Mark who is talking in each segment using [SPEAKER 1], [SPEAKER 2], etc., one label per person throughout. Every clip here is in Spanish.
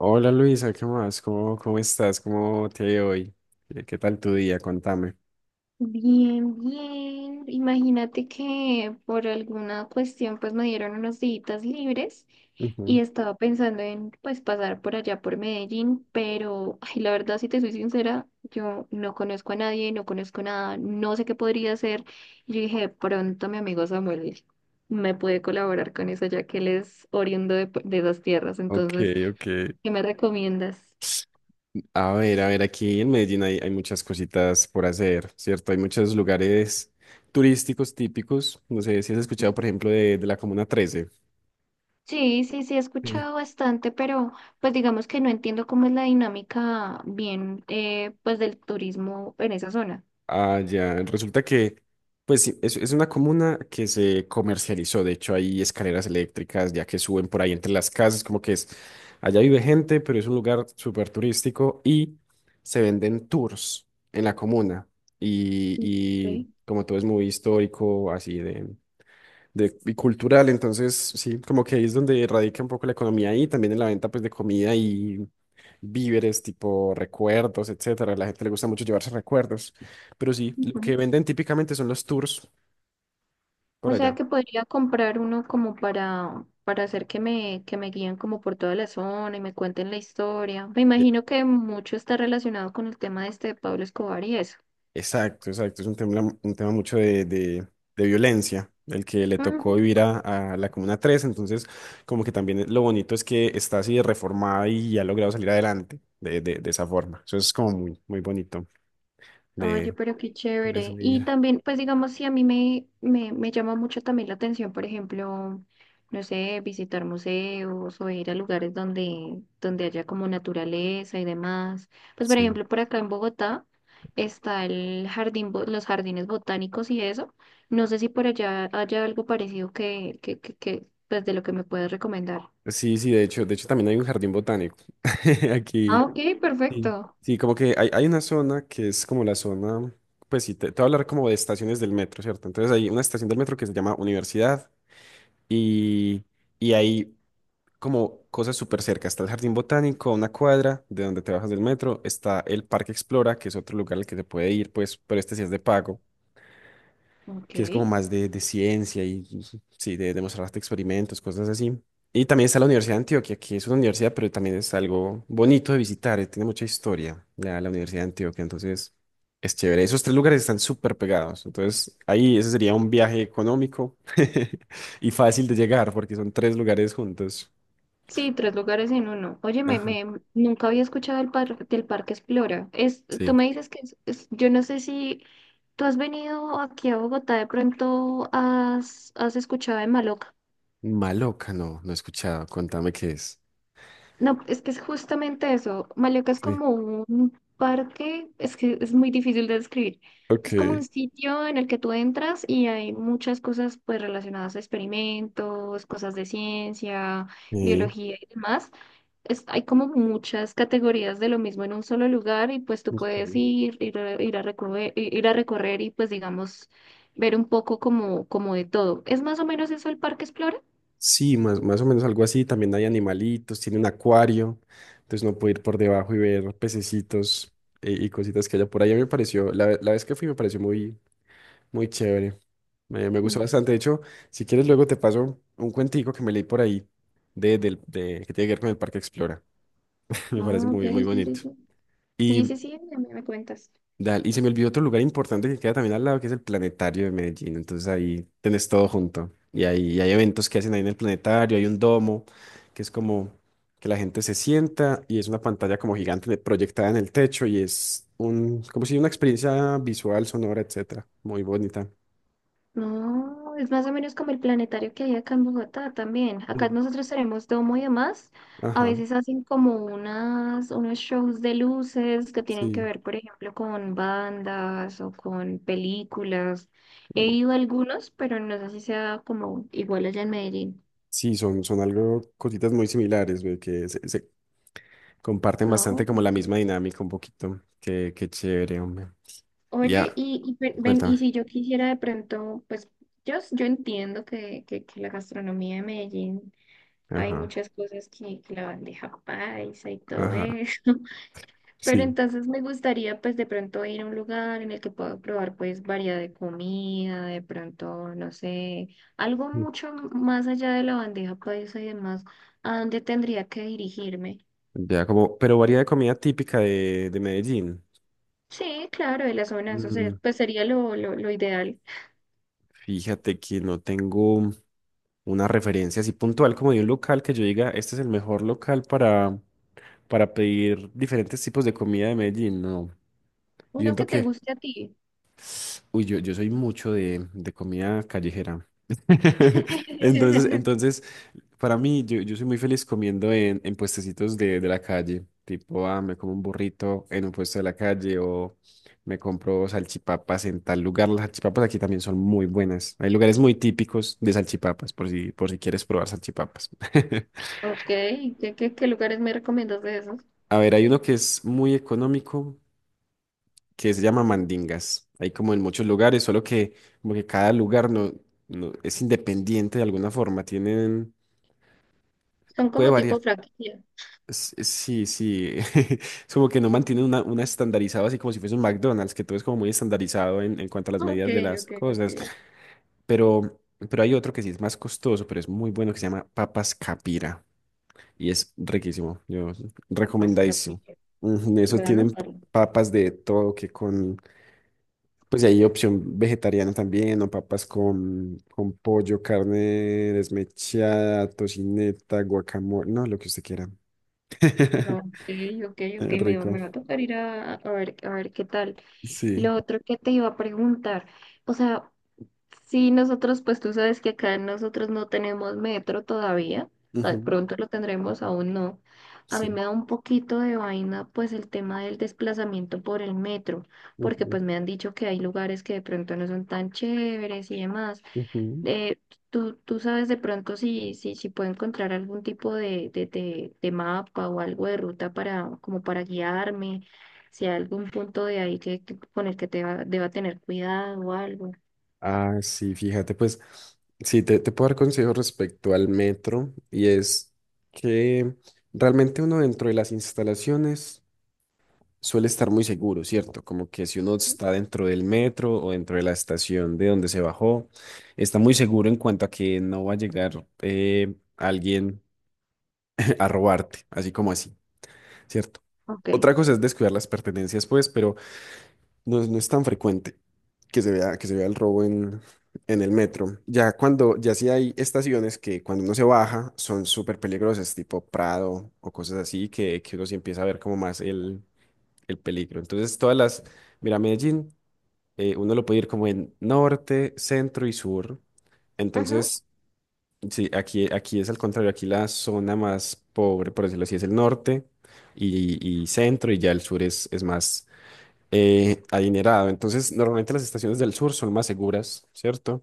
[SPEAKER 1] Hola Luisa, ¿qué más? ¿Cómo estás? ¿Cómo te ha ido hoy? ¿Qué tal tu día? Contame.
[SPEAKER 2] Bien, bien. Imagínate que por alguna cuestión pues me dieron unos días libres
[SPEAKER 1] Ujú.
[SPEAKER 2] y estaba pensando en pues pasar por allá por Medellín, pero ay, la verdad si te soy sincera, yo no conozco a nadie, no conozco nada, no sé qué podría hacer. Y yo dije, pronto mi amigo Samuel me puede colaborar con eso ya que él es oriundo de esas tierras,
[SPEAKER 1] Ok,
[SPEAKER 2] entonces,
[SPEAKER 1] ok.
[SPEAKER 2] ¿qué me recomiendas?
[SPEAKER 1] A ver, aquí en Medellín hay muchas cositas por hacer, ¿cierto? Hay muchos lugares turísticos típicos. No sé si has escuchado, por ejemplo, de la Comuna Trece.
[SPEAKER 2] Sí, sí, sí, he
[SPEAKER 1] Sí.
[SPEAKER 2] escuchado bastante, pero pues digamos que no entiendo cómo es la dinámica bien, pues del turismo en esa zona.
[SPEAKER 1] Ah, ya. Resulta que, pues sí, es una comuna que se comercializó. De hecho, hay escaleras eléctricas ya que suben por ahí entre las casas, como que es, allá vive gente, pero es un lugar súper turístico y se venden tours en la comuna. Y, y
[SPEAKER 2] Sí.
[SPEAKER 1] como todo es muy histórico, así y cultural. Entonces, sí, como que ahí es donde radica un poco la economía y también en la venta pues de comida y víveres, tipo recuerdos, etcétera. A la gente le gusta mucho llevarse recuerdos. Pero sí, lo
[SPEAKER 2] Ujú.
[SPEAKER 1] que venden típicamente son los tours por
[SPEAKER 2] O sea
[SPEAKER 1] allá.
[SPEAKER 2] que podría comprar uno como para hacer que me guíen como por toda la zona y me cuenten la historia. Me
[SPEAKER 1] E-
[SPEAKER 2] imagino que mucho está relacionado con el tema de este de Pablo Escobar y eso.
[SPEAKER 1] Exacto, exacto. Es un tema mucho de violencia, el que le tocó vivir a la Comuna tres. Entonces, como que también lo bonito es que está así de reformada y ha logrado salir adelante de esa forma. Eso es como muy, muy bonito
[SPEAKER 2] Oye,
[SPEAKER 1] de,
[SPEAKER 2] pero qué
[SPEAKER 1] de
[SPEAKER 2] chévere. Y
[SPEAKER 1] subir.
[SPEAKER 2] también, pues digamos, si a mí me llama mucho también la atención, por ejemplo, no sé, visitar museos o ir a lugares donde haya como naturaleza y demás. Pues por
[SPEAKER 1] Sí.
[SPEAKER 2] ejemplo, por acá en Bogotá está el los jardines botánicos y eso. No sé si por allá haya algo parecido que, pues de lo que me puedes recomendar.
[SPEAKER 1] Sí, sí, de hecho también hay un jardín botánico. Aquí,
[SPEAKER 2] Ah, ok,
[SPEAKER 1] sí,
[SPEAKER 2] perfecto.
[SPEAKER 1] sí, como que hay una zona que es como la zona, pues sí, te voy a hablar como de estaciones del metro, ¿cierto? Entonces hay una estación del metro que se llama Universidad y, y hay como cosas súper cerca. Está el jardín botánico, a una cuadra de donde te bajas del metro, está el Parque Explora, que es otro lugar al que se puede ir, pues, pero este sí es de pago.
[SPEAKER 2] Ok.
[SPEAKER 1] Que es como más de ciencia y sí, de demostrar hasta experimentos, cosas así. Y también está la Universidad de Antioquia, que es una universidad, pero también es algo bonito de visitar, tiene mucha historia la Universidad de Antioquia, entonces es chévere. Esos tres lugares están súper pegados, entonces ahí ese sería un viaje económico y fácil de llegar porque son tres lugares juntos.
[SPEAKER 2] Sí, tres lugares en uno. Oye,
[SPEAKER 1] Ajá,
[SPEAKER 2] nunca había escuchado del Parque Explora. Es, tú
[SPEAKER 1] sí.
[SPEAKER 2] me dices que yo no sé si tú has venido aquí a Bogotá, de pronto has, has escuchado de Maloca.
[SPEAKER 1] Maloca, no, no he escuchado, contame qué es.
[SPEAKER 2] No, es que es justamente eso. Maloca es
[SPEAKER 1] Sí.
[SPEAKER 2] como un parque, es que es muy difícil de describir. Es como un
[SPEAKER 1] Ok.
[SPEAKER 2] sitio en el que tú entras y hay muchas cosas pues relacionadas a experimentos, cosas de ciencia,
[SPEAKER 1] Sí.
[SPEAKER 2] biología y demás. Es- hay como muchas categorías de lo mismo en un solo lugar y pues tú
[SPEAKER 1] Ok.
[SPEAKER 2] puedes ir a recorrer y pues digamos ver un poco como, como de todo. ¿Es más o menos eso el Parque Explora?
[SPEAKER 1] Sí, más o menos algo así. También hay animalitos, tiene un acuario, entonces no puede ir por debajo y ver pececitos y cositas que haya por ahí. A mí me pareció la vez que fui me pareció muy, muy chévere. Me
[SPEAKER 2] Mm.
[SPEAKER 1] gustó bastante. De hecho, si quieres luego te paso un cuentico que me leí por ahí de que tiene que ver con el Parque Explora. Me parece
[SPEAKER 2] Ah, ok,
[SPEAKER 1] muy, muy
[SPEAKER 2] sí, sí,
[SPEAKER 1] bonito.
[SPEAKER 2] sí. Sí, sí, sí, ya me cuentas.
[SPEAKER 1] Dale, y se me olvidó otro lugar importante que queda también al lado, que es el Planetario de Medellín. Entonces ahí tenés todo junto. Y ahí hay eventos que hacen ahí en el Planetario, hay un domo, que es como que la gente se sienta y es una pantalla como gigante proyectada en el techo y es como si una experiencia visual, sonora, etcétera. Muy bonita.
[SPEAKER 2] No, es más o menos como el planetario que hay acá en Bogotá también.
[SPEAKER 1] Sí.
[SPEAKER 2] Acá nosotros tenemos domo y demás. A
[SPEAKER 1] Ajá,
[SPEAKER 2] veces hacen como unas, unos shows de luces que tienen que
[SPEAKER 1] sí.
[SPEAKER 2] ver, por ejemplo, con bandas o con películas. He ido a algunos, pero no sé si sea como igual allá en Medellín.
[SPEAKER 1] Sí, son cositas muy similares, güey, que se comparten bastante
[SPEAKER 2] No.
[SPEAKER 1] como la misma dinámica un poquito. Qué chévere, hombre. Y
[SPEAKER 2] Oye,
[SPEAKER 1] ya,
[SPEAKER 2] y
[SPEAKER 1] cuéntame.
[SPEAKER 2] si yo quisiera de pronto, pues yo, yo entiendo que la gastronomía de Medellín. Hay
[SPEAKER 1] Ajá.
[SPEAKER 2] muchas cosas que la bandeja paisa y todo
[SPEAKER 1] Ajá,
[SPEAKER 2] eso. Pero
[SPEAKER 1] sí.
[SPEAKER 2] entonces me gustaría pues de pronto ir a un lugar en el que pueda probar pues variedad de comida, de pronto, no sé, algo mucho más allá de la bandeja paisa y demás, ¿a dónde tendría que dirigirme?
[SPEAKER 1] Ya como, pero varía de comida típica de Medellín.
[SPEAKER 2] Sí, claro, de la zona,
[SPEAKER 1] Mm,
[SPEAKER 2] pues sería lo ideal.
[SPEAKER 1] Fíjate que no tengo una referencia así puntual como de un local que yo diga, este es el mejor local para pedir diferentes tipos de comida de Medellín. No, yo
[SPEAKER 2] Uno
[SPEAKER 1] siento
[SPEAKER 2] que te
[SPEAKER 1] que,
[SPEAKER 2] guste a ti.
[SPEAKER 1] uy, yo soy mucho de comida callejera. Entonces, entonces para mí, yo soy muy feliz comiendo en puestecitos de la calle. Tipo, me como un burrito en un puesto de la calle o me compro salchipapas en tal lugar. Las salchipapas aquí también son muy buenas. Hay lugares muy típicos de salchipapas, por si quieres probar salchipapas.
[SPEAKER 2] Ok, ¿ qué lugares me recomiendas de esos?
[SPEAKER 1] A ver, hay uno que es muy económico, que se llama mandingas. Hay como en muchos lugares, solo que como que cada lugar es independiente de alguna forma. Tienen,
[SPEAKER 2] Son
[SPEAKER 1] puede
[SPEAKER 2] como tipo
[SPEAKER 1] variar.
[SPEAKER 2] franquicia.
[SPEAKER 1] Sí, sí. Es como que no mantienen una estandarizada así como si fuese un McDonald's, que todo es como muy estandarizado en cuanto a las
[SPEAKER 2] Ok,
[SPEAKER 1] medidas de las
[SPEAKER 2] ok, ok.
[SPEAKER 1] cosas. Pero, pero hay otro que sí es más costoso, pero es muy bueno, que se llama Papas Capira. Y es riquísimo.
[SPEAKER 2] Capaz
[SPEAKER 1] Recomendadísimo.
[SPEAKER 2] Capilla.
[SPEAKER 1] Ujú, eso
[SPEAKER 2] Voy a
[SPEAKER 1] tienen
[SPEAKER 2] anotarlo.
[SPEAKER 1] papas de todo, que con. Pues hay opción vegetariana también, o papas con pollo, carne desmechada, tocineta, guacamole, no, lo que usted quiera.
[SPEAKER 2] No, ok, ok, ok,
[SPEAKER 1] Rico.
[SPEAKER 2] me va a tocar ir a ver qué tal.
[SPEAKER 1] Sí.
[SPEAKER 2] Lo otro que te iba a preguntar, o sea, si nosotros, pues tú sabes que acá nosotros no tenemos metro todavía, tal
[SPEAKER 1] Ujú,
[SPEAKER 2] pronto lo tendremos, aún no. A mí
[SPEAKER 1] sí.
[SPEAKER 2] me da un poquito de vaina, pues el tema del desplazamiento por el metro, porque
[SPEAKER 1] Ujú,
[SPEAKER 2] pues me han dicho que hay lugares que de pronto no son tan chéveres y demás.
[SPEAKER 1] ujú.
[SPEAKER 2] eh, Tú, tú sabes de pronto si, si, si puedo encontrar algún tipo de mapa o algo de ruta para, como para guiarme, si hay algún punto de ahí que, con el que deba tener cuidado o algo.
[SPEAKER 1] Ah, sí, fíjate, pues sí, te puedo dar consejo respecto al metro y es que realmente uno dentro de las instalaciones suele estar muy seguro, ¿cierto? Como que si uno está dentro del metro o dentro de la estación de donde se bajó, está muy seguro en cuanto a que no va a llegar alguien a robarte, así como así, ¿cierto?
[SPEAKER 2] Ok.
[SPEAKER 1] Otra cosa es descuidar las pertenencias, pues, pero... No es tan frecuente que se vea el robo en el metro. Ya cuando, ya sí hay estaciones que cuando uno se baja son súper peligrosas, tipo Prado o cosas así, que uno sí empieza a ver como más el peligro. Entonces, mira, Medellín, uno lo puede ir como en norte, centro y sur.
[SPEAKER 2] Ajá,
[SPEAKER 1] Entonces, sí, aquí es al contrario, aquí la zona más pobre, por decirlo así, es el norte y centro, y ya el sur es más adinerado. Entonces, normalmente las estaciones del sur son más seguras, ¿cierto?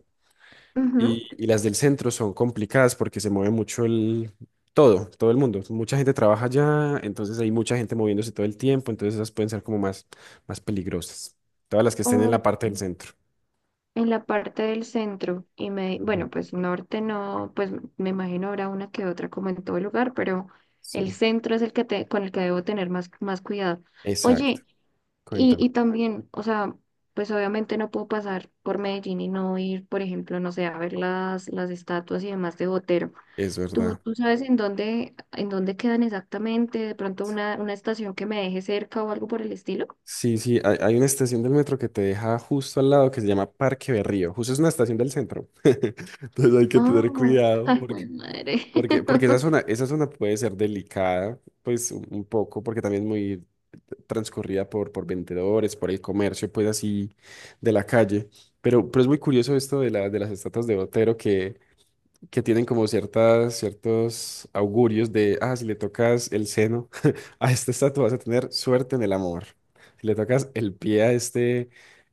[SPEAKER 2] ujú.
[SPEAKER 1] Y las del centro son complicadas porque se mueve mucho el... Todo el mundo. Mucha gente trabaja allá, entonces hay mucha gente moviéndose todo el tiempo, entonces esas pueden ser como más, más peligrosas. Todas las que estén en
[SPEAKER 2] O
[SPEAKER 1] la parte del centro.
[SPEAKER 2] en la parte del centro, y me,
[SPEAKER 1] Ujú.
[SPEAKER 2] bueno, pues norte no, pues me imagino habrá una que otra como en todo lugar, pero
[SPEAKER 1] Sí,
[SPEAKER 2] el centro es el que te, con el que debo tener más, más cuidado.
[SPEAKER 1] exacto.
[SPEAKER 2] Oye, Y,
[SPEAKER 1] Cuéntame.
[SPEAKER 2] y también, o sea, pues obviamente no puedo pasar por Medellín y no ir, por ejemplo, no sé, a ver las estatuas y demás de Botero.
[SPEAKER 1] Es
[SPEAKER 2] ¿Tú,
[SPEAKER 1] verdad.
[SPEAKER 2] tú sabes en dónde quedan exactamente? De pronto una estación que me deje cerca o algo por el estilo.
[SPEAKER 1] Sí, sí, hay una estación del metro que te deja justo al lado que se llama Parque Berrío. Justo es una estación del centro. Entonces hay que tener
[SPEAKER 2] Oh,
[SPEAKER 1] cuidado.
[SPEAKER 2] ay, güey,
[SPEAKER 1] Porque,
[SPEAKER 2] madre.
[SPEAKER 1] porque esa zona puede ser delicada, pues un poco, porque también es muy transcurrida por vendedores, por el comercio, pues así de la calle. Pero es muy curioso esto de las estatuas de Botero, que tienen como ciertos augurios de, si le tocas el seno a esta estatua vas a tener suerte en el amor. Si le tocas el pie a este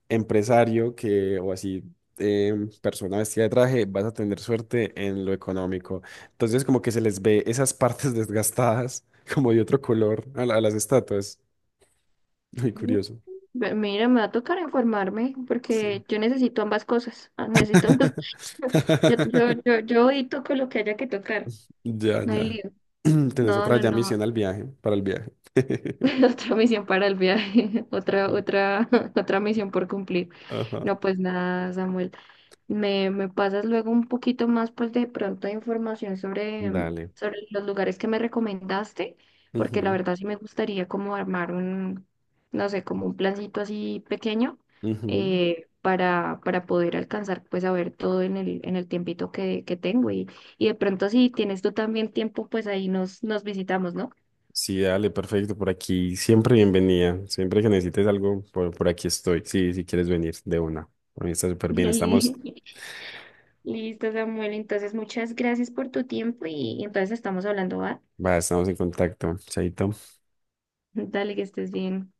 [SPEAKER 1] empresario o así, persona vestida de traje, vas a tener suerte en lo económico. Entonces como que se les ve esas partes desgastadas como de otro color a las estatuas. Muy curioso.
[SPEAKER 2] Ve- Mira, me va a tocar informarme
[SPEAKER 1] Sí.
[SPEAKER 2] porque yo necesito ambas cosas. Ah, necesito ambas. Yo, yo, yo, yo edito con lo que haya que tocar.
[SPEAKER 1] Ya,
[SPEAKER 2] No hay
[SPEAKER 1] ya.
[SPEAKER 2] lío.
[SPEAKER 1] Tenés
[SPEAKER 2] No,
[SPEAKER 1] otra
[SPEAKER 2] no,
[SPEAKER 1] ya
[SPEAKER 2] no.
[SPEAKER 1] misión al viaje, para el viaje.
[SPEAKER 2] Otra misión para el viaje, otra misión por cumplir.
[SPEAKER 1] Ajá.
[SPEAKER 2] No, pues nada, Samuel. Me pasas luego un poquito más, pues de pronto información sobre,
[SPEAKER 1] Dale.
[SPEAKER 2] sobre los lugares que me recomendaste, porque la
[SPEAKER 1] Ujú,
[SPEAKER 2] verdad sí me gustaría como armar un, no sé, como un plancito así pequeño,
[SPEAKER 1] ujú.
[SPEAKER 2] para poder alcanzar, pues a ver todo en el tiempito que tengo. Y de pronto si tienes tú también tiempo, pues ahí nos, nos visitamos, ¿no?
[SPEAKER 1] Sí, dale, perfecto. Por aquí siempre bienvenida. Siempre que necesites algo, por aquí estoy. Sí, si quieres venir de una. A mí está súper bien.
[SPEAKER 2] Dale. Listo, Samuel. Entonces, muchas gracias por tu tiempo y entonces estamos hablando, ¿va?
[SPEAKER 1] Va, estamos en contacto. Chaito.
[SPEAKER 2] Dale, que estés bien.